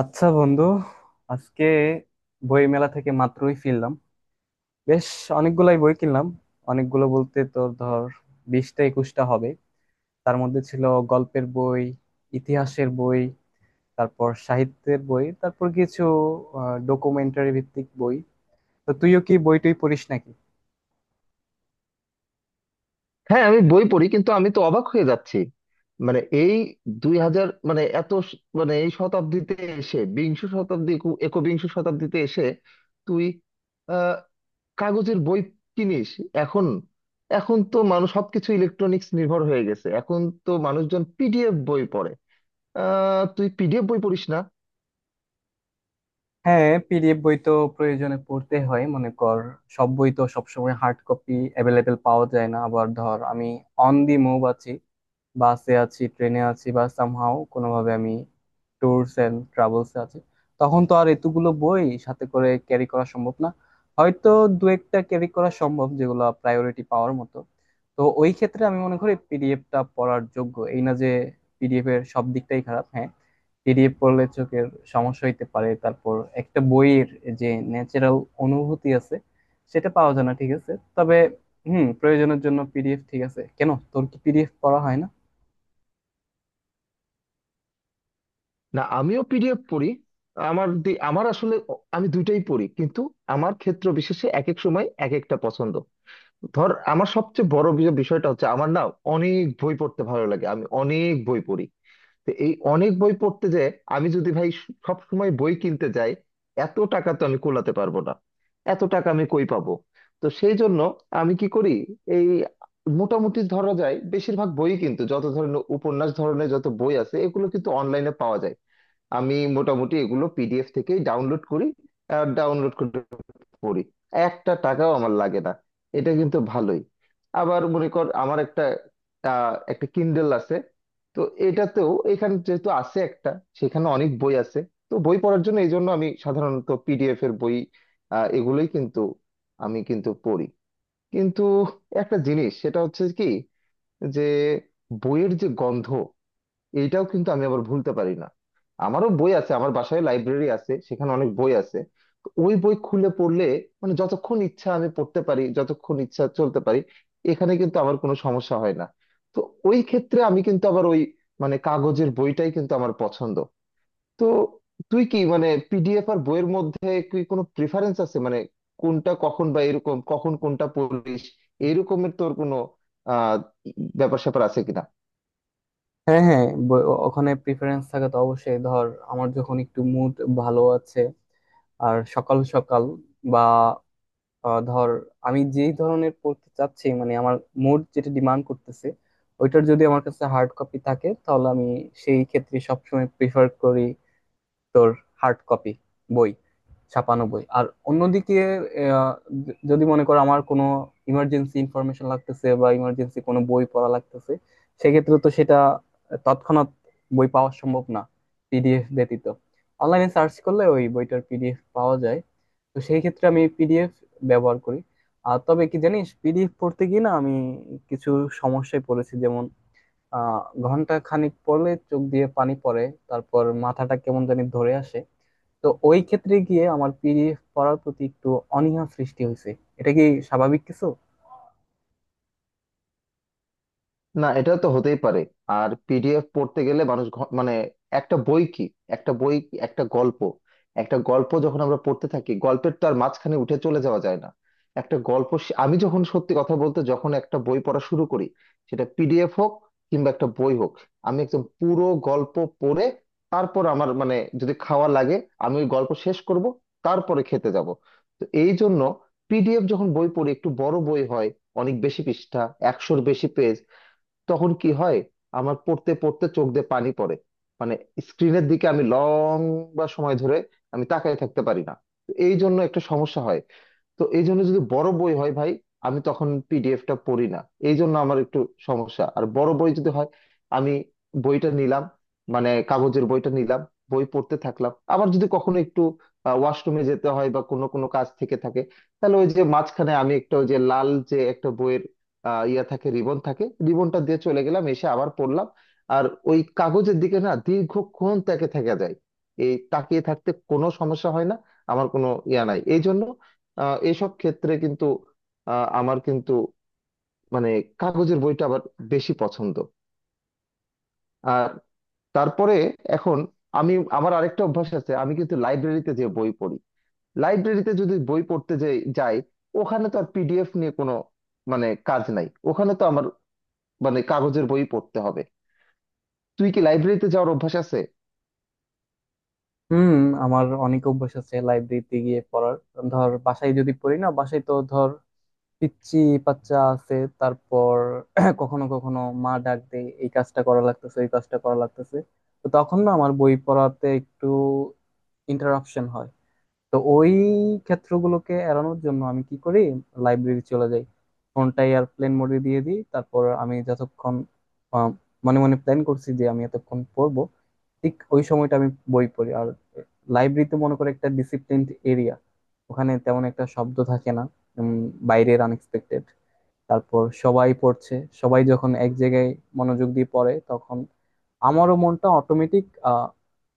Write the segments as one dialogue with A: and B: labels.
A: আচ্ছা বন্ধু, আজকে বই মেলা থেকে মাত্রই ফিরলাম। বেশ অনেকগুলাই বই কিনলাম। অনেকগুলো বলতে তোর ধর 20টা 21টা হবে। তার মধ্যে ছিল গল্পের বই, ইতিহাসের বই, তারপর সাহিত্যের বই, তারপর কিছু ডকুমেন্টারি ভিত্তিক বই। তো তুইও কি বই টই পড়িস নাকি?
B: হ্যাঁ, আমি বই পড়ি, কিন্তু আমি তো অবাক হয়ে যাচ্ছি। মানে এই 2000 মানে এত মানে এই শতাব্দীতে এসে, বিংশ শতাব্দী একবিংশ শতাব্দীতে এসে তুই আহ কাগজের বই কিনিস এখন? এখন তো মানুষ সবকিছু ইলেকট্রনিক্স নির্ভর হয়ে গেছে, এখন তো মানুষজন পিডিএফ বই পড়ে। তুই পিডিএফ বই পড়িস না?
A: হ্যাঁ, পিডিএফ বই তো প্রয়োজনে পড়তে হয়, মনে কর। সব বই তো সবসময় হার্ড কপি অ্যাভেলেবেল পাওয়া যায় না। আবার ধর আমি অন দি মুভ আছি, বাসে আছি, ট্রেনে আছি, বা সামহাও কোনোভাবে আমি ট্যুরস এন্ড ট্রাভেলসে আছি। তখন তো আর এতগুলো বই সাথে করে ক্যারি করা সম্ভব না। হয়তো দু একটা ক্যারি করা সম্ভব, যেগুলো প্রায়োরিটি পাওয়ার মতো। তো ওই ক্ষেত্রে আমি মনে করি পিডিএফটা পড়ার যোগ্য। এই না যে পিডিএফ এর সব দিকটাই খারাপ। হ্যাঁ, পিডিএফ পড়লে চোখের সমস্যা হইতে পারে, তারপর একটা বইয়ের যে ন্যাচারাল অনুভূতি আছে সেটা পাওয়া যায় না, ঠিক আছে। তবে হুম, প্রয়োজনের জন্য পিডিএফ ঠিক আছে। কেন, তোর কি পিডিএফ পড়া হয় না?
B: না, আমিও পিডিএফ পড়ি। আমার আমার আসলে আমি দুইটাই পড়ি, কিন্তু আমার ক্ষেত্র বিশেষে এক এক সময় এক একটা পছন্দ। ধর, আমার সবচেয়ে বড় বিষয়টা হচ্ছে, আমার না অনেক বই পড়তে ভালো লাগে, আমি অনেক বই পড়ি। তো এই অনেক বই পড়তে যে, আমি যদি ভাই সব সময় বই কিনতে যাই, এত টাকা তো আমি কুলাতে পারবো না, এত টাকা আমি কই পাবো? তো সেই জন্য আমি কি করি, এই মোটামুটি ধরা যায়, বেশিরভাগ বই কিন্তু যত ধরনের উপন্যাস ধরনের যত বই আছে, এগুলো কিন্তু অনলাইনে পাওয়া যায়। আমি মোটামুটি এগুলো পিডিএফ থেকেই ডাউনলোড করি, ডাউনলোড করে পড়ি, একটা টাকাও আমার লাগে না। এটা কিন্তু ভালোই। আবার মনে কর, আমার একটা একটা কিন্ডেল আছে। তো এটাতেও এখানে যেহেতু আছে, একটা সেখানে অনেক বই আছে। তো বই পড়ার জন্য এই জন্য আমি সাধারণত পিডিএফ এর বই এগুলোই কিন্তু আমি কিন্তু পড়ি। কিন্তু একটা জিনিস, সেটা হচ্ছে কি যে, বইয়ের যে গন্ধ এইটাও কিন্তু আমি আবার ভুলতে পারি না। আমারও বই আছে, আমার বাসায় লাইব্রেরি আছে, সেখানে অনেক বই আছে। তো ওই বই খুলে পড়লে মানে যতক্ষণ ইচ্ছা আমি পড়তে পারি, যতক্ষণ ইচ্ছা চলতে পারি, এখানে কিন্তু আমার কোনো সমস্যা হয় না। তো ওই ক্ষেত্রে আমি কিন্তু আবার ওই মানে কাগজের বইটাই কিন্তু আমার পছন্দ। তো তুই কি মানে পিডিএফ আর বইয়ের মধ্যে কি কোনো প্রিফারেন্স আছে মানে, কোনটা কখন বা এরকম কখন কোনটা পড়িস, এরকমের তোর কোনো আহ ব্যাপার স্যাপার আছে কিনা?
A: হ্যাঁ হ্যাঁ, ওখানে প্রিফারেন্স থাকে তো অবশ্যই। ধর আমার যখন একটু মুড ভালো আছে আর সকাল সকাল বা ধর আমি যেই ধরনের পড়তে চাচ্ছি, মানে আমার মুড যেটা ডিমান্ড করতেছে, ওইটার যদি আমার কাছে হার্ড কপি থাকে তাহলে আমি সেই ক্ষেত্রে সবসময় প্রিফার করি। তোর হার্ড কপি বই, ছাপানো বই। আর অন্যদিকে আহ, যদি মনে করো আমার কোনো ইমার্জেন্সি ইনফরমেশন লাগতেছে বা ইমার্জেন্সি কোনো বই পড়া লাগতেছে, সেক্ষেত্রে তো সেটা তৎক্ষণাৎ বই পাওয়া সম্ভব না পিডিএফ ব্যতীত। অনলাইনে সার্চ করলে ওই বইটার পিডিএফ পাওয়া যায়। তো সেই ক্ষেত্রে আমি পিডিএফ ব্যবহার করি। আর তবে কি জানিস, পিডিএফ পড়তে গিয়ে না আমি কিছু সমস্যায় পড়েছি। যেমন আহ ঘন্টা খানিক পড়লে চোখ দিয়ে পানি পড়ে, তারপর মাথাটা কেমন জানি ধরে আসে। তো ওই ক্ষেত্রে গিয়ে আমার পিডিএফ পড়ার প্রতি একটু অনীহা সৃষ্টি হয়েছে। এটা কি স্বাভাবিক কিছু?
B: না, এটা তো হতেই পারে। আর পিডিএফ পড়তে গেলে মানুষ মানে একটা বই কি, একটা বই কি? একটা গল্প, একটা গল্প যখন আমরা পড়তে থাকি, গল্পের তো আর মাঝখানে উঠে চলে যাওয়া যায় না। একটা গল্প আমি যখন সত্যি কথা বলতে, যখন একটা বই পড়া শুরু করি, সেটা পিডিএফ হোক কিংবা একটা বই হোক, আমি একদম পুরো গল্প পড়ে তারপর আমার মানে যদি খাওয়া লাগে, আমি ওই গল্প শেষ করব, তারপরে খেতে যাব। তো এই জন্য পিডিএফ যখন বই পড়ি, একটু বড় বই হয়, অনেক বেশি পৃষ্ঠা, 100-র বেশি পেজ, তখন কি হয়, আমার পড়তে পড়তে চোখ দিয়ে পানি পড়ে। মানে স্ক্রিনের দিকে আমি লং বা সময় ধরে আমি তাকায় থাকতে পারি না। তো এই জন্য একটা সমস্যা হয়। তো এই জন্য যদি বড় বই হয় ভাই, আমি তখন পিডিএফটা পড়ি না, এই জন্য আমার একটু সমস্যা। আর বড় বই যদি হয়, আমি বইটা নিলাম, মানে কাগজের বইটা নিলাম, বই পড়তে থাকলাম, আবার যদি কখনো একটু ওয়াশরুমে যেতে হয় বা কোনো কোনো কাজ থেকে থাকে, তাহলে ওই যে মাঝখানে আমি একটা ওই যে লাল যে একটা বইয়ের ইয়া থাকে, রিবন থাকে, রিবনটা দিয়ে চলে গেলাম, এসে আবার পড়লাম। আর ওই কাগজের দিকে না দীর্ঘক্ষণ তাকে থাকা যায়, এই তাকিয়ে থাকতে কোনো সমস্যা হয় না, আমার কোনো ইয়া নাই এই জন্য। এইসব ক্ষেত্রে কিন্তু আমার কিন্তু মানে কাগজের বইটা আবার বেশি পছন্দ। আর তারপরে এখন আমি, আমার আরেকটা অভ্যাস আছে, আমি কিন্তু লাইব্রেরিতে যে বই পড়ি, লাইব্রেরিতে যদি বই পড়তে যাই যাই, ওখানে তো আর পিডিএফ নিয়ে কোনো মানে কাজ নাই, ওখানে তো আমার মানে কাগজের বই পড়তে হবে। তুই কি লাইব্রেরিতে যাওয়ার অভ্যাস আছে?
A: হুম, আমার অনেক অভ্যাস আছে লাইব্রেরিতে গিয়ে পড়ার। ধর বাসায় যদি পড়ি না, বাসায় তো ধর পিচ্চি বাচ্চা আছে। তারপর কখনো কখনো মা ডাক দেয়, এই কাজটা করা লাগতেছে, ওই কাজটা করা লাগতেছে। তো তখন না আমার বই পড়াতে একটু ইন্টারাপশন হয়। তো ওই ক্ষেত্রগুলোকে এড়ানোর জন্য আমি কি করি, লাইব্রেরি চলে যাই। ফোনটা এয়ারপ্লেন মোডে দিয়ে দিই, তারপর আমি যতক্ষণ আহ, মনে মনে প্ল্যান করছি যে আমি এতক্ষণ পড়বো, ঠিক ওই সময়টা আমি বই পড়ি। আর লাইব্রেরিতে মনে করে একটা ডিসিপ্লিনড এরিয়া, ওখানে তেমন একটা শব্দ থাকে না, উম, বাইরের আনএক্সপেক্টেড। তারপর সবাই পড়ছে, সবাই যখন এক জায়গায় মনোযোগ দিয়ে পড়ে তখন আমারও মনটা অটোমেটিক আহ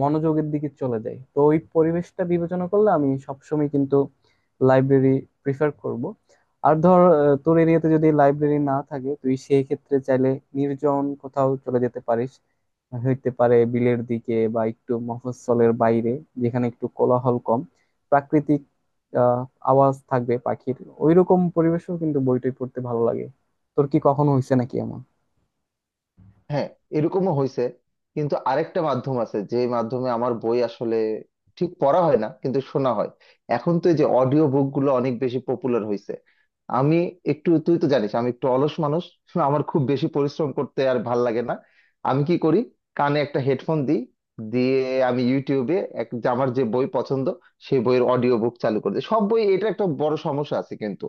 A: মনোযোগের দিকে চলে যায়। তো ওই পরিবেশটা বিবেচনা করলে আমি সবসময় কিন্তু লাইব্রেরি প্রিফার করব। আর ধর তোর এরিয়াতে যদি লাইব্রেরি না থাকে, তুই সেই ক্ষেত্রে চাইলে নির্জন কোথাও চলে যেতে পারিস। হইতে পারে বিলের দিকে বা একটু মফস্বলের বাইরে, যেখানে একটু কোলাহল কম, প্রাকৃতিক আহ আওয়াজ থাকবে পাখির। ওইরকম পরিবেশেও কিন্তু বইটই পড়তে ভালো লাগে। তোর কি কখনো হয়েছে নাকি এমন?
B: হ্যাঁ, এরকমও হয়েছে। কিন্তু আরেকটা মাধ্যম আছে, যে মাধ্যমে আমার বই আসলে ঠিক পড়া হয় না, কিন্তু শোনা হয়। এখন তো এই যে অডিও বুক গুলো অনেক বেশি পপুলার হয়েছে। আমি একটু, তুই তো জানিস আমি একটু অলস মানুষ, আমার খুব বেশি পরিশ্রম করতে আর ভাল লাগে না। আমি কি করি, কানে একটা হেডফোন দিই, দিয়ে আমি ইউটিউবে এক যে আমার যে বই পছন্দ, সেই বইয়ের অডিও বুক চালু করে দিই। সব বই, এটা একটা বড় সমস্যা আছে কিন্তু,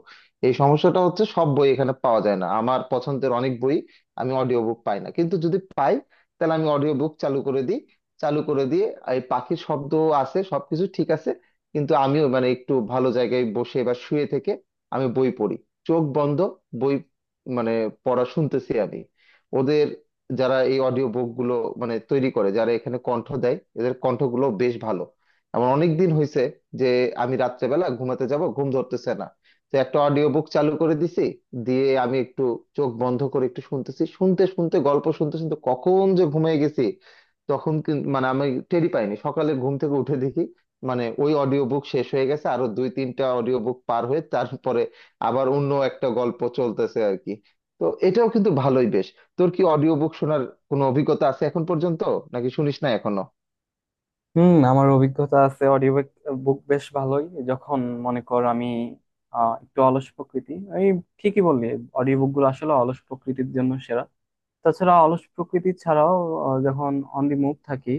B: এই সমস্যাটা হচ্ছে সব বই এখানে পাওয়া যায় না, আমার পছন্দের অনেক বই আমি অডিও বুক পাই না। কিন্তু যদি পাই, তাহলে আমি অডিও বুক চালু করে দিই, চালু করে দিয়ে এই পাখির শব্দ আছে, সবকিছু ঠিক আছে, কিন্তু আমিও মানে একটু ভালো জায়গায় বসে বা শুয়ে থেকে আমি বই পড়ি, চোখ বন্ধ, বই মানে পড়া শুনতেছি আমি। ওদের, যারা এই অডিও বুক গুলো মানে তৈরি করে, যারা এখানে কণ্ঠ দেয়, এদের কণ্ঠগুলো বেশ ভালো। এমন অনেক দিন হয়েছে যে, আমি রাত্রেবেলা ঘুমাতে যাব, ঘুম ধরতেছে না, তো একটা অডিও বুক চালু করে দিছি, দিয়ে আমি একটু চোখ বন্ধ করে একটু শুনতেছি, শুনতে শুনতে গল্প শুনতে শুনতে কখন যে ঘুমিয়ে গেছি তখন কিন্তু মানে আমি টেরই পাইনি। সকালে ঘুম থেকে উঠে দেখি মানে ওই অডিও বুক শেষ হয়ে গেছে, আরো দুই তিনটা অডিও বুক পার হয়ে তারপরে আবার অন্য একটা গল্প চলতেছে আর কি। তো এটাও কিন্তু ভালোই বেশ। তোর কি অডিও বুক শোনার কোনো অভিজ্ঞতা আছে এখন পর্যন্ত, নাকি শুনিস না এখনো?
A: হুম, আমার অভিজ্ঞতা আছে। অডিও বুক বেশ ভালোই যখন মনে কর আমি একটু অলস প্রকৃতি। এই ঠিকই বললি, অডিও বুক গুলো আসলে অলস প্রকৃতির জন্য সেরা। তাছাড়া অলস প্রকৃতি ছাড়াও যখন অন দি মুভ থাকি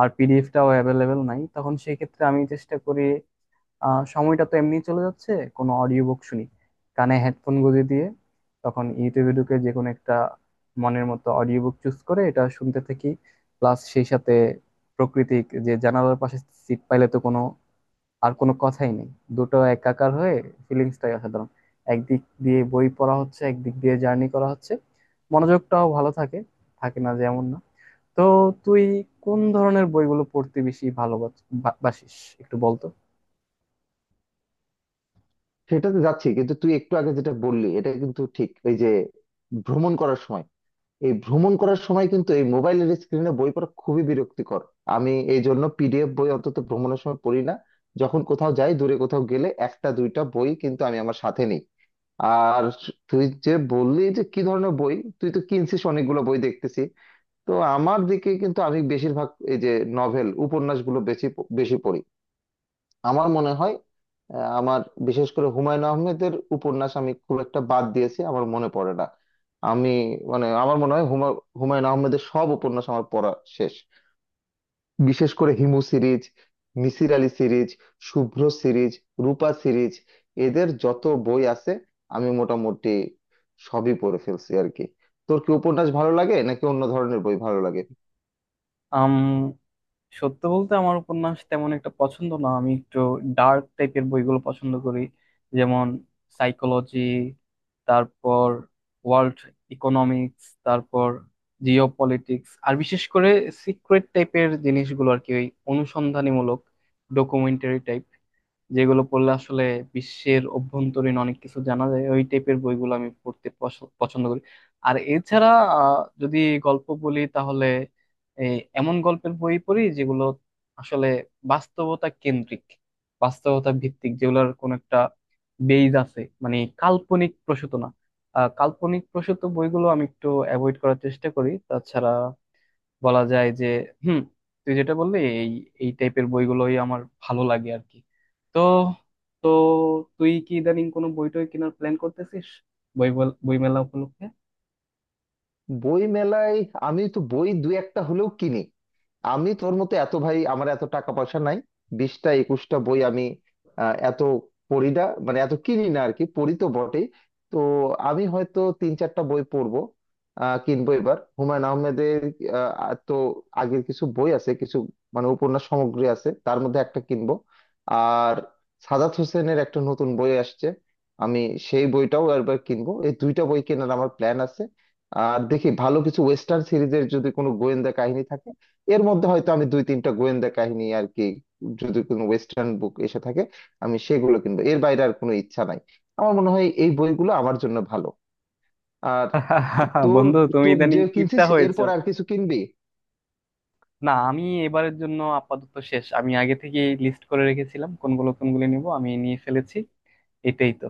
A: আর পিডিএফটাও অ্যাভেলেবেল নাই, তখন সেই ক্ষেত্রে আমি চেষ্টা করি সময়টা তো এমনি চলে যাচ্ছে, কোনো অডিও বুক শুনি। কানে হেডফোন গুঁজে দিয়ে তখন ইউটিউবে ঢুকে যে কোনো একটা মনের মতো অডিও বুক চুজ করে এটা শুনতে থাকি। প্লাস সেই সাথে প্রকৃতিক যে জানালার পাশে সিট পাইলে তো কোনো আর কোনো কথাই নেই। দুটো একাকার হয়ে ফিলিংসটাই অসাধারণ। একদিক দিয়ে বই পড়া হচ্ছে, একদিক দিয়ে জার্নি করা হচ্ছে। মনোযোগটাও ভালো থাকে, থাকে না যেমন না। তো তুই কোন ধরনের বইগুলো পড়তে বেশি ভালোবাসিস, একটু বলতো।
B: সেটাতে যাচ্ছি, কিন্তু তুই একটু আগে যেটা বললি এটা কিন্তু ঠিক, এই যে ভ্রমণ করার সময়, এই ভ্রমণ করার সময় কিন্তু এই মোবাইলের স্ক্রিনে বই পড়া খুবই বিরক্তিকর। আমি এই জন্য পিডিএফ বই অন্তত ভ্রমণের সময় পড়ি না। যখন কোথাও যাই, দূরে কোথাও গেলে একটা দুইটা বই কিন্তু আমি আমার সাথে নিই। আর তুই যে বললি যে কি ধরনের বই, তুই তো কিনছিস অনেকগুলো বই দেখতেছি। তো আমার দিকে কিন্তু আমি বেশিরভাগ এই যে নভেল উপন্যাসগুলো বেশি বেশি পড়ি। আমার মনে হয় আমার বিশেষ করে হুমায়ুন আহমেদের উপন্যাস আমি খুব একটা বাদ দিয়েছি আমার মনে পড়ে না। আমি মানে আমার মনে হয় হুমায়ুন আহমেদের সব উপন্যাস আমার পড়া শেষ। বিশেষ করে Himu series, Misir Ali series, Shubhro series, Rupa series, এদের যত বই আছে আমি মোটামুটি সবই পড়ে ফেলছি আর কি। তোর কি উপন্যাস ভালো লাগে নাকি অন্য ধরনের বই ভালো লাগে?
A: আম সত্য বলতে আমার উপন্যাস তেমন একটা পছন্দ না। আমি একটু ডার্ক টাইপের বইগুলো পছন্দ করি। যেমন সাইকোলজি, তারপর ওয়ার্ল্ড ইকোনমিক্স, তারপর জিও পলিটিক্স, আর বিশেষ করে সিক্রেট টাইপের জিনিসগুলো আর কি। ওই অনুসন্ধানীমূলক ডকুমেন্টারি টাইপ, যেগুলো পড়লে আসলে বিশ্বের অভ্যন্তরীণ অনেক কিছু জানা যায়, ওই টাইপের বইগুলো আমি পড়তে পছন্দ করি। আর এছাড়া যদি গল্প বলি তাহলে এই এমন গল্পের বই পড়ি যেগুলো আসলে বাস্তবতা কেন্দ্রিক, বাস্তবতা ভিত্তিক, যেগুলোর কোনো একটা বেজ আছে, মানে কাল্পনিক প্রসূত না। কাল্পনিক প্রসূত বইগুলো আমি একটু অ্যাভয়েড করার চেষ্টা করি। তাছাড়া বলা যায় যে হুম, তুই যেটা বললি এই এই টাইপের বইগুলোই আমার ভালো লাগে আর কি। তো তো তুই কি ইদানিং কোনো বই টই কেনার প্ল্যান করতেছিস, বই বই মেলা উপলক্ষে?
B: বই মেলায় আমি তো বই দুই একটা হলেও কিনি। আমি তোর মতো এত ভাই, আমার এত টাকা পয়সা নাই। 20-21টা বই আমি এত পড়ি না মানে এত কিনি না আর কি, পড়ি তো বটেই। তো আমি হয়তো তিন চারটা বই পড়বো কিনবো এবার হুমায়ুন আহমেদের তো আগের কিছু বই আছে, কিছু মানে উপন্যাস সামগ্রী আছে তার মধ্যে একটা কিনবো। আর সাদাত হোসেনের একটা নতুন বই আসছে, আমি সেই বইটাও একবার কিনবো। এই দুইটা বই কেনার আমার প্ল্যান আছে। আর দেখি ভালো কিছু ওয়েস্টার্ন সিরিজের, যদি কোনো গোয়েন্দা কাহিনী থাকে এর মধ্যে হয়তো আমি দুই তিনটা গোয়েন্দা কাহিনী আর কি, যদি কোনো ওয়েস্টার্ন বুক এসে থাকে আমি সেগুলো কিনবো। এর বাইরে আর কোনো ইচ্ছা নাই, আমার মনে হয় এই বইগুলো আমার জন্য ভালো। আর তোর,
A: বন্ধু তুমি
B: তোর যে
A: ইদানিং কিপটা
B: কিনছিস
A: হয়েছো।
B: এরপর আর কিছু কিনবি?
A: না, আমি এবারের জন্য আপাতত শেষ। আমি আগে থেকেই লিস্ট করে রেখেছিলাম কোনগুলো কোনগুলো নিব, আমি নিয়ে ফেলেছি। এটাই তো।